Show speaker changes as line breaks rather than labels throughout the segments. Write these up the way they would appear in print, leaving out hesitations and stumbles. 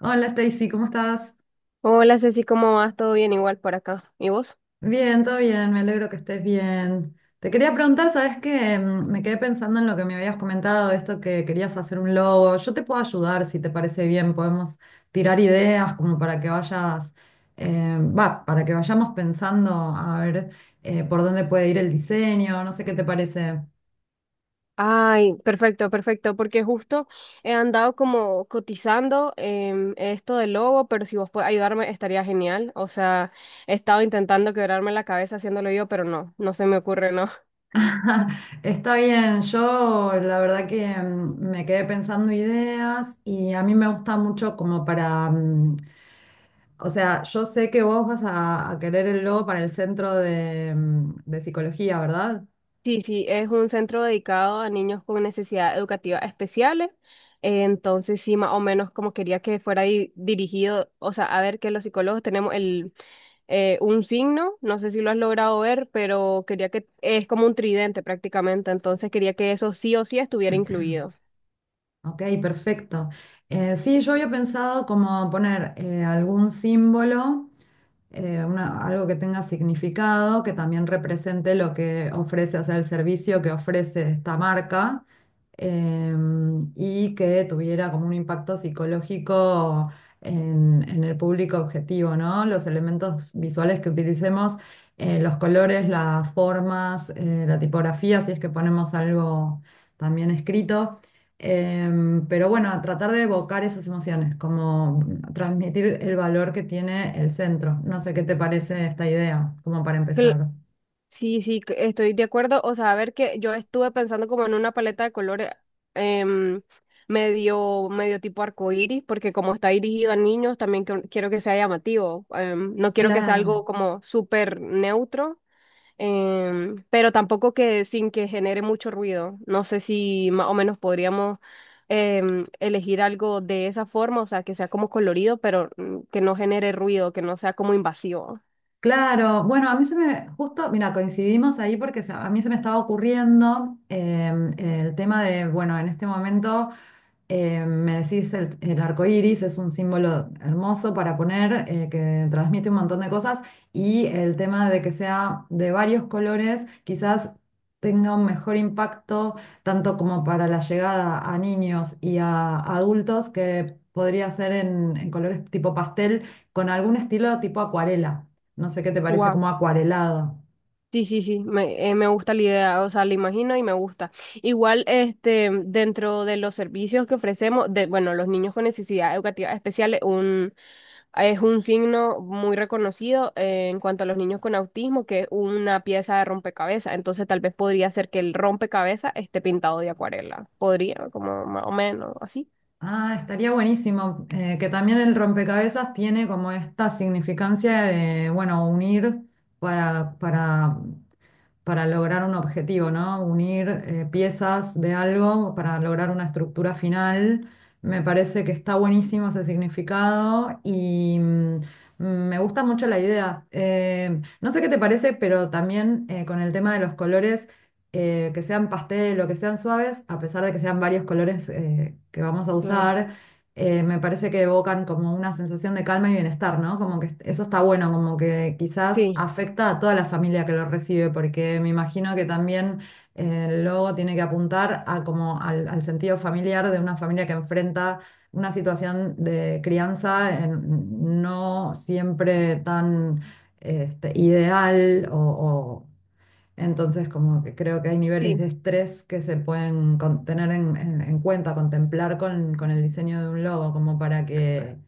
Hola Stacy, ¿cómo estás?
Hola Ceci, ¿cómo vas? ¿Todo bien igual por acá? ¿Y vos?
Bien, todo bien, me alegro que estés bien. Te quería preguntar, ¿sabes qué? Me quedé pensando en lo que me habías comentado, esto que querías hacer un logo. Yo te puedo ayudar si te parece bien, podemos tirar ideas como para que vayas, para que vayamos pensando a ver por dónde puede ir el diseño, no sé qué te parece.
Ay, perfecto, perfecto, porque justo he andado como cotizando esto del logo, pero si vos puedes ayudarme estaría genial. O sea, he estado intentando quebrarme la cabeza haciéndolo yo, pero no se me ocurre, ¿no?
Está bien, yo la verdad que me quedé pensando ideas y a mí me gusta mucho como para... O sea, yo sé que vos vas a querer el logo para el centro de, de psicología, ¿verdad?
Sí, sí, es un centro dedicado a niños con necesidades educativas especiales. Entonces, sí, más o menos como quería que fuera dirigido, o sea, a ver que los psicólogos tenemos el un signo, no sé si lo has logrado ver, pero quería que es como un tridente prácticamente, entonces quería que eso sí o sí estuviera incluido.
Ok, perfecto. Sí, yo había pensado como poner algún símbolo algo que tenga significado, que también represente lo que ofrece, o sea, el servicio que ofrece esta marca, y que tuviera como un impacto psicológico en el público objetivo, ¿no? Los elementos visuales que utilicemos, los colores, las formas, la tipografía, si es que ponemos algo también escrito. Pero bueno, tratar de evocar esas emociones, como transmitir el valor que tiene el centro. No sé qué te parece esta idea, como para
Cl-
empezar.
sí, sí, estoy de acuerdo. O sea, a ver que yo estuve pensando como en una paleta de colores em, medio tipo arcoíris, porque como está dirigido a niños, también quiero que sea llamativo. No quiero que sea
Claro,
algo como súper neutro, pero tampoco que sin que genere mucho ruido. No sé si más o menos podríamos elegir algo de esa forma, o sea, que sea como colorido, pero que no genere ruido, que no sea como invasivo.
claro. Bueno, a mí se me, justo, mira, coincidimos ahí porque a mí se me estaba ocurriendo el tema de, bueno, en este momento. Me decís, el arco iris es un símbolo hermoso para poner, que transmite un montón de cosas, y el tema de que sea de varios colores, quizás tenga un mejor impacto, tanto como para la llegada a niños y a adultos, que podría ser en colores tipo pastel, con algún estilo tipo acuarela. No sé qué te parece
Wow.
como acuarelado.
Sí, sí, sí, me gusta la idea, o sea, la imagino y me gusta. Igual, este, dentro de los servicios que ofrecemos, de, bueno, los niños con necesidades educativas especiales, es un signo muy reconocido en cuanto a los niños con autismo, que es una pieza de rompecabezas. Entonces, tal vez podría ser que el rompecabezas esté pintado de acuarela. Podría, como más o menos, así.
Ah, estaría buenísimo, que también el rompecabezas tiene como esta significancia de, bueno, unir para, para, para lograr un objetivo, ¿no? Unir piezas de algo para lograr una estructura final. Me parece que está buenísimo ese significado y, me gusta mucho la idea. No sé qué te parece, pero también con el tema de los colores que sean pastel o que sean suaves, a pesar de que sean varios colores que vamos a
Claro.
usar, me parece que evocan como una sensación de calma y bienestar, ¿no? Como que eso está bueno, como que quizás
Sí,
afecta a toda la familia que lo recibe, porque me imagino que también el logo tiene que apuntar a como al sentido familiar de una familia que enfrenta una situación de crianza no siempre tan este, ideal o entonces, como que creo que hay niveles de
sí.
estrés que se pueden tener en cuenta, contemplar con el diseño de un logo, como para que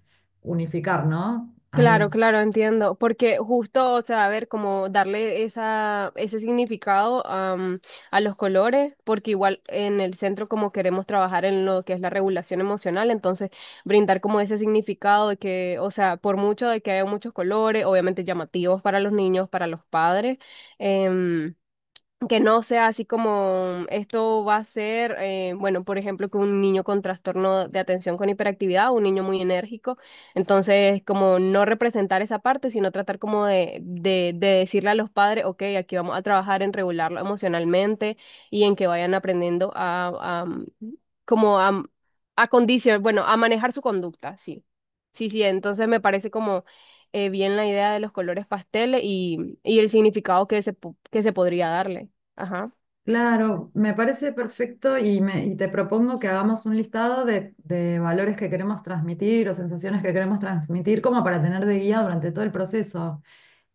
unificar, ¿no?
Claro,
Ahí.
claro, entiendo, porque justo, o sea, a ver, como darle esa, ese significado a los colores, porque igual en el centro como queremos trabajar en lo que es la regulación emocional, entonces brindar como ese significado de que, o sea, por mucho de que haya muchos colores, obviamente llamativos para los niños, para los padres, em, que no sea así como esto va a ser, bueno, por ejemplo, que un niño con trastorno de atención con hiperactividad, un niño muy enérgico, entonces como no representar esa parte, sino tratar como de decirle a los padres, ok, aquí vamos a trabajar en regularlo emocionalmente y en que vayan aprendiendo como a, bueno, a manejar su conducta, sí. Sí, sí, entonces me parece como bien la idea de los colores pasteles y el significado que que se podría darle. Ajá,
Claro, me parece perfecto y, me, y te propongo que hagamos un listado de valores que queremos transmitir o sensaciones que queremos transmitir como para tener de guía durante todo el proceso.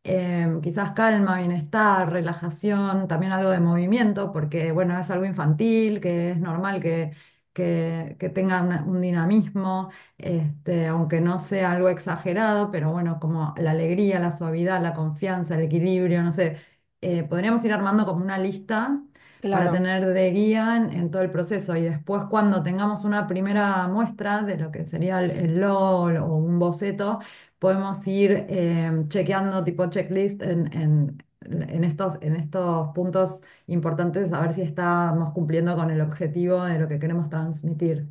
Quizás calma, bienestar, relajación, también algo de movimiento, porque bueno, es algo infantil, que es normal que tenga un dinamismo, este, aunque no sea algo exagerado, pero bueno, como la alegría, la suavidad, la confianza, el equilibrio, no sé. Podríamos ir armando como una lista para
claro.
tener de guía en todo el proceso. Y después, cuando tengamos una primera muestra de lo que sería el logo o un boceto, podemos ir chequeando tipo checklist en estos puntos importantes, a ver si estamos cumpliendo con el objetivo de lo que queremos transmitir.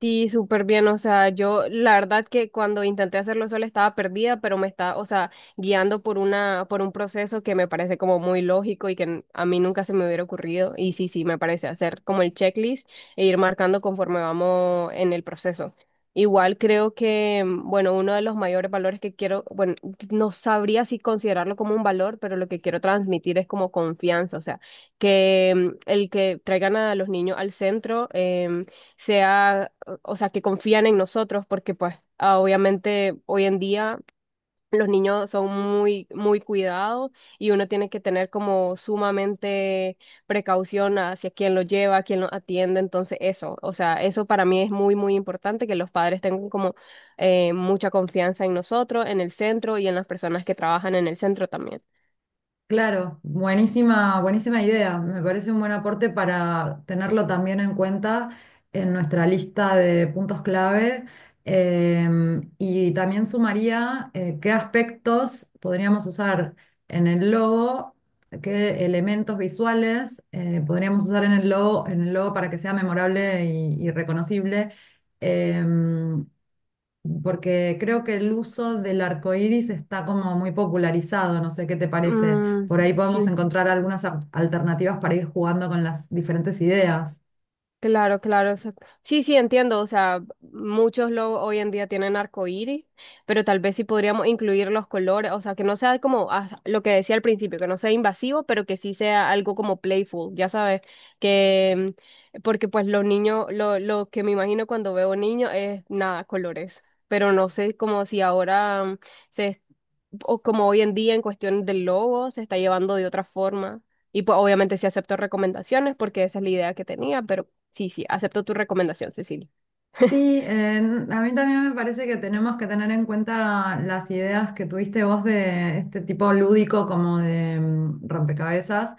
Sí, súper bien. O sea, yo la verdad que cuando intenté hacerlo sola estaba perdida, pero me está, o sea, guiando por una, por un proceso que me parece como muy lógico y que a mí nunca se me hubiera ocurrido. Y sí, sí, me parece hacer como el checklist e ir marcando conforme vamos en el proceso. Igual creo que, bueno, uno de los mayores valores que quiero, bueno, no sabría si considerarlo como un valor, pero lo que quiero transmitir es como confianza. O sea, que el que traigan a los niños al centro, sea, o sea, que confían en nosotros, porque pues obviamente hoy en día los niños son muy, muy cuidados y uno tiene que tener como sumamente precaución hacia quién los lleva, quién los atiende, entonces eso, o sea, eso para mí es muy, muy importante, que los padres tengan como mucha confianza en nosotros, en el centro y en las personas que trabajan en el centro también.
Claro, buenísima, buenísima idea. Me parece un buen aporte para tenerlo también en cuenta en nuestra lista de puntos clave. Y también sumaría qué aspectos podríamos usar en el logo, qué elementos visuales podríamos usar en el logo para que sea memorable y reconocible. Em, Porque creo que el uso del arco iris está como muy popularizado, no sé qué te parece.
Mm,
Por ahí podemos
sí.
encontrar algunas alternativas para ir jugando con las diferentes ideas.
Claro, claro, exacto. Sí, sí, entiendo. O sea, muchos logos hoy en día tienen arcoíris, pero tal vez sí podríamos incluir los colores. O sea, que no sea como lo que decía al principio, que no sea invasivo, pero que sí sea algo como playful, ya sabes, que porque pues los niños, lo que me imagino cuando veo niños es nada, colores. Pero no sé como si ahora se es- o como hoy en día en cuestión del logo se está llevando de otra forma. Y pues obviamente sí acepto recomendaciones porque esa es la idea que tenía, pero sí, sí, acepto tu recomendación, Cecilia.
Sí, a mí también me parece que tenemos que tener en cuenta las ideas que tuviste vos de este tipo lúdico como de rompecabezas.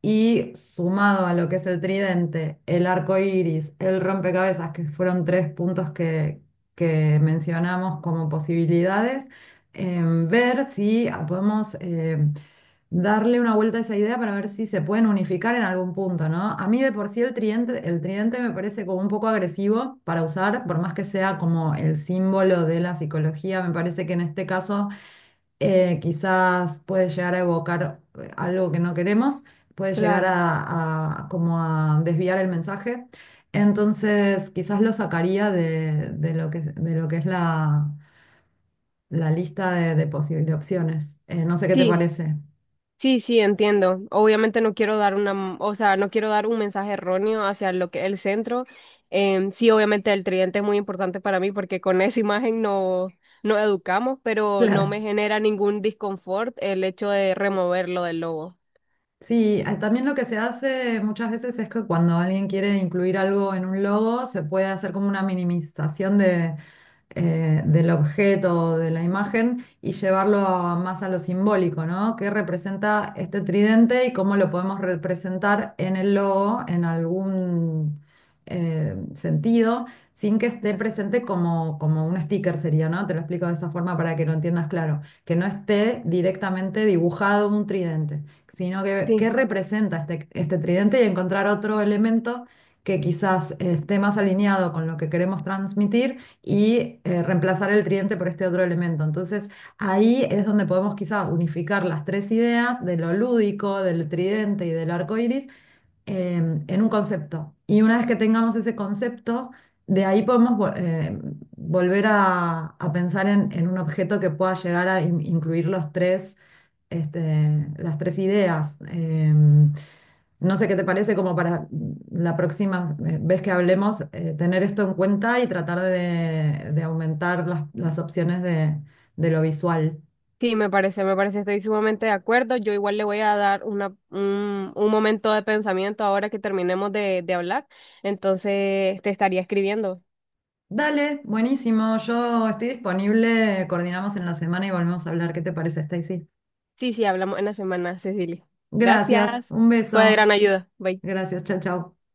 Y sumado a lo que es el tridente, el arco iris, el rompecabezas, que fueron tres puntos que mencionamos como posibilidades, ver si podemos darle una vuelta a esa idea para ver si se pueden unificar en algún punto, ¿no? A mí de por sí el tridente me parece como un poco agresivo para usar, por más que sea como el símbolo de la psicología, me parece que en este caso quizás puede llegar a evocar algo que no queremos, puede llegar
Claro.
a como a desviar el mensaje. Entonces, quizás lo sacaría de lo que es la, la lista de, de opciones. No sé qué te
Sí,
parece.
sí, sí, entiendo. Obviamente no quiero dar una, o sea, no quiero dar un mensaje erróneo hacia lo que el centro. Sí, obviamente el tridente es muy importante para mí porque con esa imagen no, no educamos, pero no
Claro.
me genera ningún disconfort el hecho de removerlo del logo.
Sí, también lo que se hace muchas veces es que cuando alguien quiere incluir algo en un logo, se puede hacer como una minimización del objeto, de la imagen, y llevarlo más a lo simbólico, ¿no? ¿Qué representa este tridente y cómo lo podemos representar en el logo en algún sentido, sin que esté presente como, como un sticker sería, ¿no? Te lo explico de esa forma para que lo entiendas claro, que no esté directamente dibujado un tridente, sino que qué
Sí,
representa este, este tridente y encontrar otro elemento que quizás esté más alineado con lo que queremos transmitir y reemplazar el tridente por este otro elemento. Entonces, ahí es donde podemos quizá unificar las tres ideas de lo lúdico, del tridente y del arco iris, en un concepto. Y una vez que tengamos ese concepto, de ahí podemos volver a pensar en un objeto que pueda llegar a incluir los tres, este, las tres ideas. No sé qué te parece como para la próxima vez que hablemos, tener esto en cuenta y tratar de aumentar las opciones de lo visual.
sí, me parece, estoy sumamente de acuerdo. Yo igual le voy a dar una, un momento de pensamiento ahora que terminemos de hablar. Entonces te estaría escribiendo.
Dale, buenísimo. Yo estoy disponible. Coordinamos en la semana y volvemos a hablar. ¿Qué te parece, Stacy?
Sí, sí, hablamos en la semana, Cecilia.
Gracias.
Gracias.
Un
Fue de
beso.
gran ayuda. Bye.
Gracias. Chao, chao.